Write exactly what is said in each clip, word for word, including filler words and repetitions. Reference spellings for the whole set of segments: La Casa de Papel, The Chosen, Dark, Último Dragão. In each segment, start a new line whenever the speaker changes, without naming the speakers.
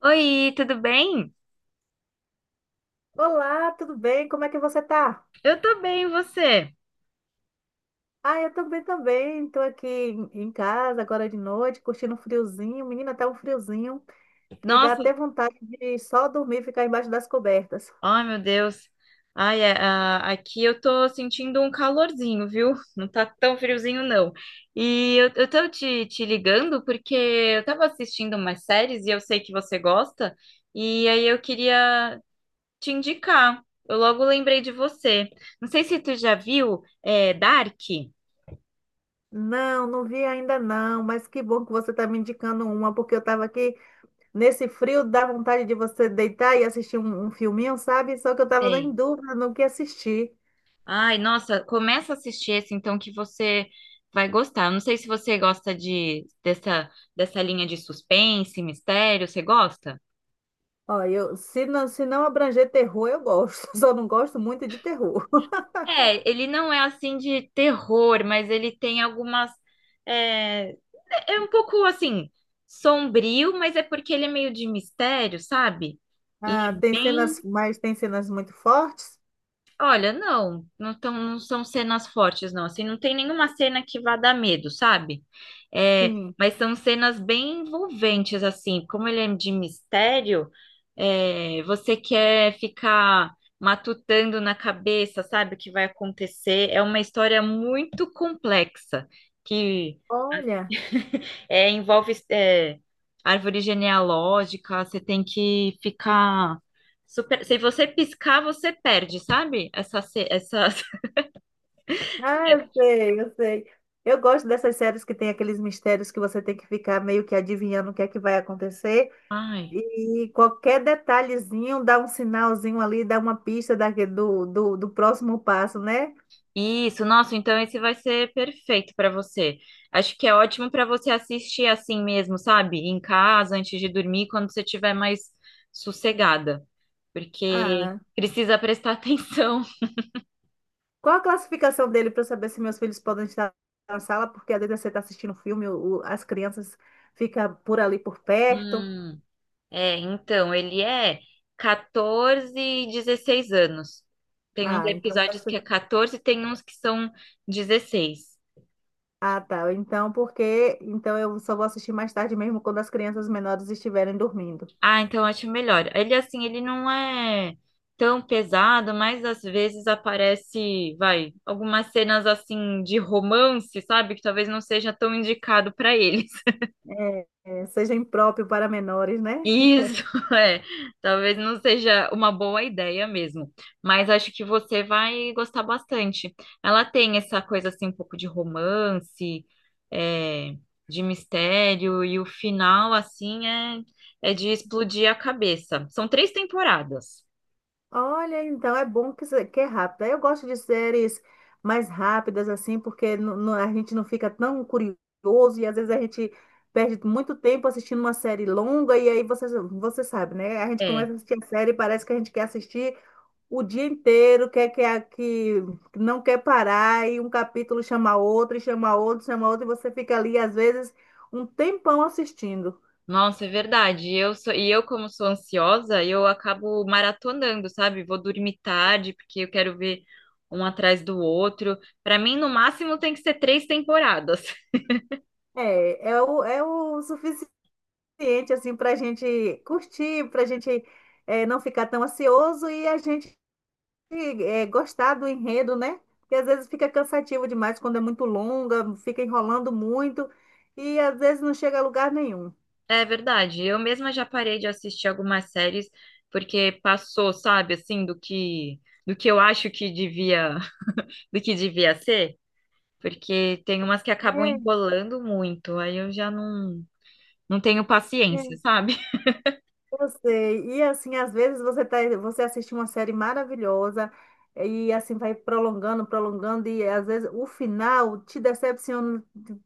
Oi, tudo bem?
Olá, tudo bem? Como é que você tá?
Eu tô bem, e você?
Ah, eu também, também. Estou aqui em em casa agora de noite, curtindo um friozinho. Menina, tá um friozinho que dá
Nossa,
até vontade de só dormir e ficar embaixo das cobertas.
ai meu Deus. Ai, é, ah, aqui eu tô sentindo um calorzinho, viu? Não tá tão friozinho, não. E eu, eu tô te, te ligando porque eu tava assistindo umas séries e eu sei que você gosta, e aí eu queria te indicar. Eu logo lembrei de você. Não sei se tu já viu, é, Dark.
Não, não vi ainda não, mas que bom que você está me indicando uma, porque eu estava aqui nesse frio, dá vontade de você deitar e assistir um, um filminho, sabe? Só que eu estava em
Sei.
dúvida no que assistir.
Ai, nossa, começa a assistir esse então que você vai gostar. Eu não sei se você gosta de dessa dessa linha de suspense, mistério, você gosta?
Ó, eu, se não, se não abranger terror, eu gosto. Só não gosto muito de terror.
É, ele não é assim de terror, mas ele tem algumas é, é é um pouco assim sombrio, mas é porque ele é meio de mistério, sabe? E
Ah,
é
tem
bem.
cenas, mas tem cenas muito fortes?
Olha, não, não, tão, não são cenas fortes, não. Assim, não tem nenhuma cena que vá dar medo, sabe? É,
Sim.
mas são cenas bem envolventes, assim. Como ele é de mistério, é, você quer ficar matutando na cabeça, sabe, o que vai acontecer. É uma história muito complexa, que…
Olha,
É, envolve é, árvore genealógica, você tem que ficar super. Se você piscar, você perde, sabe? Essa, ce- essa…
ah, eu sei, eu sei. Eu gosto dessas séries que tem aqueles mistérios que você tem que ficar meio que adivinhando o que é que vai acontecer.
Ai,
E qualquer detalhezinho dá um sinalzinho ali, dá uma pista da, do, do, do próximo passo, né?
isso, nossa, então esse vai ser perfeito para você. Acho que é ótimo para você assistir assim mesmo, sabe? Em casa, antes de dormir, quando você estiver mais sossegada, porque
Ah,
precisa prestar atenção.
qual a classificação dele para eu saber se meus filhos podem estar na sala? Porque às vezes você está assistindo filme, o- o- as crianças ficam por ali por perto.
Hum. É, então, ele é catorze e dezesseis anos. Tem uns
Ah, então.
episódios que é catorze, tem uns que são dezesseis.
Ah, tá. Então, porque então eu só vou assistir mais tarde mesmo quando as crianças menores estiverem dormindo.
Ah, então eu acho melhor. Ele, assim, ele não é tão pesado, mas às vezes aparece, vai, algumas cenas, assim, de romance, sabe? Que talvez não seja tão indicado para ele.
É, é, seja impróprio para menores, né?
Isso. é, talvez não seja uma boa ideia mesmo, mas acho que você vai gostar bastante. Ela tem essa coisa assim, um pouco de romance, é, de mistério, e o final assim é, é de explodir a cabeça. São três temporadas.
Olha, então é bom que, se- que é rápida. Eu gosto de séries mais rápidas assim, porque nu- nu- a gente não fica tão curioso e às vezes a gente perde muito tempo assistindo uma série longa e aí você, você sabe, né? A gente
É.
começa a assistir a série e parece que a gente quer assistir o dia inteiro, quer que, a- que não quer parar, e um capítulo chama outro, e chama outro, chama outro, e você fica ali, às vezes, um tempão assistindo.
Nossa, é verdade. Eu sou, e eu, como sou ansiosa, eu acabo maratonando, sabe? Vou dormir tarde, porque eu quero ver um atrás do outro. Para mim, no máximo, tem que ser três temporadas.
É, é o, é o suficiente, assim, para a gente curtir, para a gente é, não ficar tão ansioso e a gente é, gostar do enredo, né? Porque às vezes fica cansativo demais quando é muito longa, fica enrolando muito e às vezes não chega a lugar nenhum.
É verdade. Eu mesma já parei de assistir algumas séries, porque passou, sabe, assim, do que, do que eu acho que devia, do que devia ser. Porque tem umas que acabam enrolando muito. Aí eu já não, não tenho
É,
paciência, sabe?
eu sei. E assim, às vezes você tá, você assiste uma série maravilhosa e assim vai prolongando, prolongando e às vezes o final te decepciona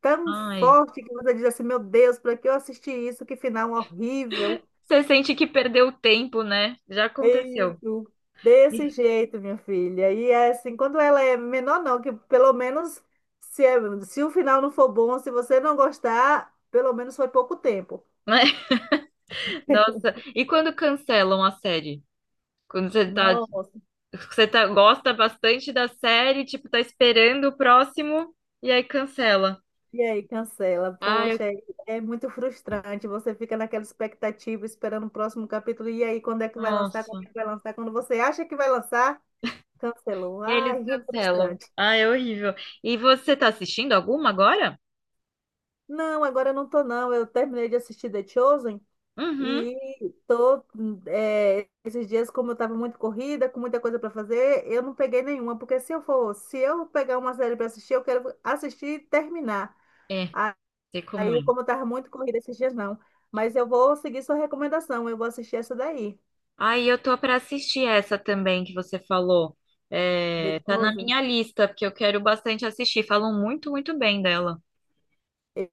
tão
Ai.
forte que você diz assim, meu Deus, para que eu assisti isso? Que final horrível.
Você sente que perdeu tempo, né? Já
É
aconteceu.
isso. Desse
Ih.
jeito, minha filha. E é assim, quando ela é menor, não, que pelo menos se, é- se o final não for bom, se você não gostar, pelo menos foi pouco tempo.
Né? Nossa, e quando cancelam a série? Quando você tá,
Nossa.
você tá, gosta bastante da série, tipo, tá esperando o próximo e aí cancela.
E aí, cancela.
Ai,
Poxa,
eu-
é é muito frustrante. Você fica naquela expectativa, esperando o próximo capítulo. E aí, quando é que vai lançar? Quando é
nossa.
que vai lançar? Quando você acha que vai lançar, cancelou.
E aí eles
Ai, é
cancelam.
frustrante.
Ai, é horrível. E você tá assistindo alguma agora?
Não, agora eu não tô, não. Eu terminei de assistir The Chosen
Uhum.
e tô, é, esses dias, como eu tava muito corrida, com muita coisa para fazer, eu não peguei nenhuma. Porque se eu for, se eu pegar uma série para assistir, eu quero assistir e terminar.
É, sei como é.
Aí, como eu tava muito corrida esses dias, não. Mas eu vou seguir sua recomendação, eu vou assistir essa daí,
Ai, eu tô pra assistir essa também que você falou.
The
É, tá na
Chosen.
minha lista, porque eu quero bastante assistir. Falam muito, muito bem dela.
Eu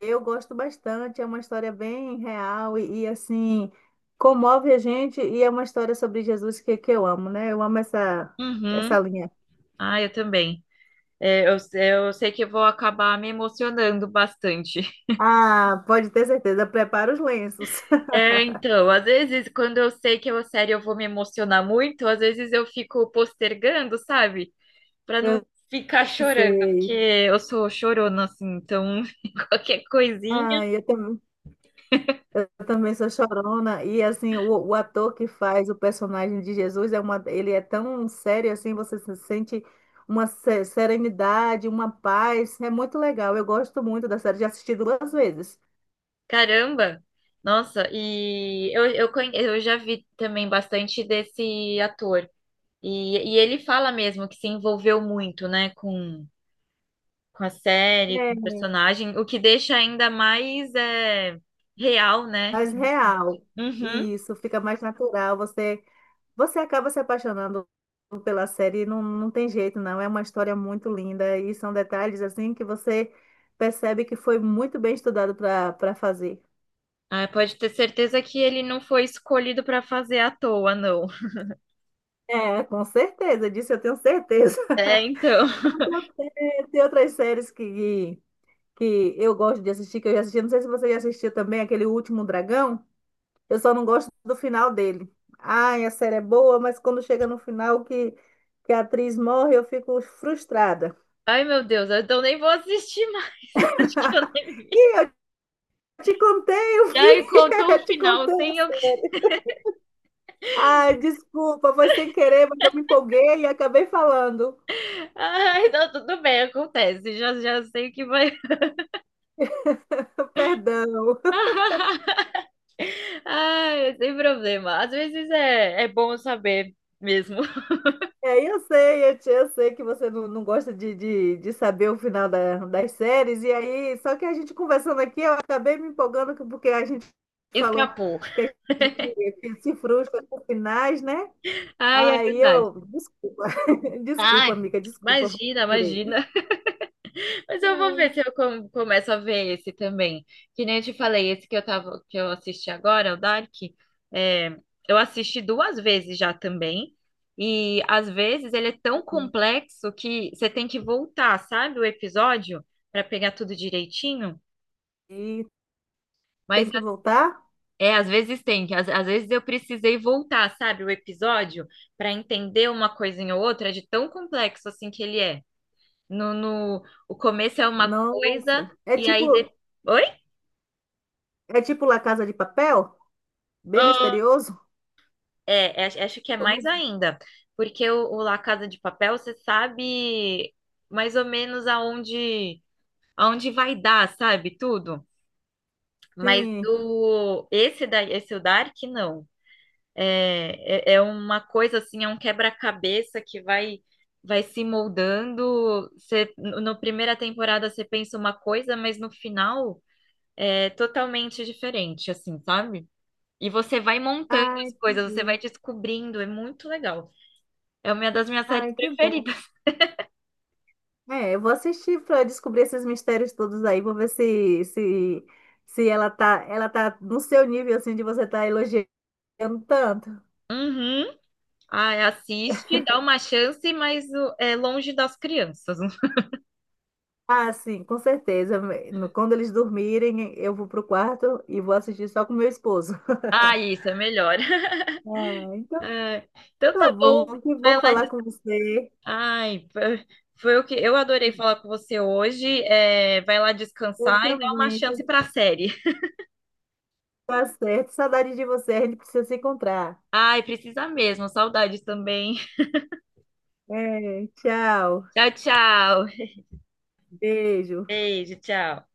eu gosto bastante, é uma história bem real e, e, assim, comove a gente e é uma história sobre Jesus que, que eu amo, né? Eu amo essa, essa
Uhum.
linha.
Ah, eu também. É, eu, eu sei que eu vou acabar me emocionando bastante.
Ah, pode ter certeza, prepara os lenços.
É, então, às vezes, quando eu sei que é uma série eu vou me emocionar muito, às vezes eu fico postergando, sabe? Pra não ficar
Eu
chorando, porque
sei.
eu sou chorona, assim, então qualquer coisinha.
Ah, eu também. Eu também sou chorona e assim o, o ator que faz o personagem de Jesus é uma ele é tão sério assim você se sente uma se- serenidade uma paz é muito legal eu gosto muito da série já assisti duas vezes
Caramba! Nossa, e eu, eu, conhe- eu já vi também bastante desse ator. E, e ele fala mesmo que se envolveu muito, né, com, com a série, com o
é
personagem, o que deixa ainda mais é, real, né?
mais real
Uhum.
isso fica mais natural você você acaba se apaixonando pela série não, não tem jeito não é uma história muito linda e são detalhes assim que você percebe que foi muito bem estudado para para fazer.
Ah, pode ter certeza que ele não foi escolhido para fazer à toa, não.
É, com certeza, disso eu tenho certeza.
É, então.
Eu tenho- Tem tem outras séries que, que eu gosto de assistir, que eu já assisti. Não sei se você já assistiu também aquele Último Dragão. Eu só não gosto do final dele. Ai, a série é boa, mas quando chega no final que, que a atriz morre, eu fico frustrada.
Ai, meu Deus, então nem vou assistir mais. Acho que eu nem vi.
E eu te contei o
Já me
fim,
contou o
eu te
final
contei a
sem eu.
série. Ai, desculpa, foi sem querer, mas eu me empolguei e acabei falando.
Ai, não, tudo bem, acontece. Já, já sei o que vai.
Perdão.
Ai, sem problema. Às vezes é, é bom saber mesmo.
É, eu sei, eu, te- eu sei que você não, não gosta de, de, de saber o final da- das séries, e aí, só que a gente conversando aqui, eu acabei me empolgando que- porque a gente falou
Escapou.
que a gente se frustra com finais, né?
Ai, é
Aí
verdade.
eu, desculpa, desculpa,
Ai,
amiga, desculpa, foi
imagina,
sem querer.
imagina. Mas eu vou
Ai.
ver se eu com- começo a ver esse também. Que nem eu te falei, esse que eu tava, que eu assisti agora, o Dark, é, eu assisti duas vezes já também. E às vezes ele é tão complexo que você tem que voltar, sabe, o episódio para pegar tudo direitinho.
E
Mas
tem que voltar?
é, às vezes tem, que às, às vezes eu precisei voltar, sabe, o episódio para entender uma coisinha ou outra de tão complexo assim que ele é. No, no, o começo é uma coisa
Nossa, é
e
tipo,
aí depois. Oi?
é tipo La Casa de Papel? Bem
Ah,
misterioso?
É, é, acho que é
Como
mais ainda, porque o, o La Casa de Papel, você sabe mais ou menos aonde, aonde vai dar, sabe? Tudo. Mas
assim?
do esse da, esse o Dark, não. É, é, é uma coisa assim, é um quebra-cabeça que vai vai se moldando. Você, no na primeira temporada você pensa uma coisa, mas no final é totalmente diferente, assim, sabe? E você vai montando
Ai,
as coisas, você vai
entendi.
descobrindo, é muito legal. É uma das minhas séries
Ai, que bom.
preferidas.
É, eu vou assistir para descobrir esses mistérios todos aí, vou ver se, se, se ela tá, ela tá no seu nível assim de você tá elogiando tanto.
Uhum. Ai, assiste, dá uma chance, mas o- é longe das crianças.
Ah, sim, com certeza. No- Quando eles dormirem, eu vou pro quarto e vou assistir só com meu esposo.
Ah, isso é melhor.
Ah, então
Ai, então tá
tá bom,
bom.
que
Vai
bom
lá.
falar
des-
com você.
Ai, foi foi o que eu adorei falar com você hoje. É, vai lá
Eu
descansar e dá uma
também,
chance pra série.
tá certo. Saudade de você, a gente precisa se encontrar.
Ai, precisa mesmo. Saudades também.
É, tchau,
Tchau, tchau.
beijo.
Beijo, tchau.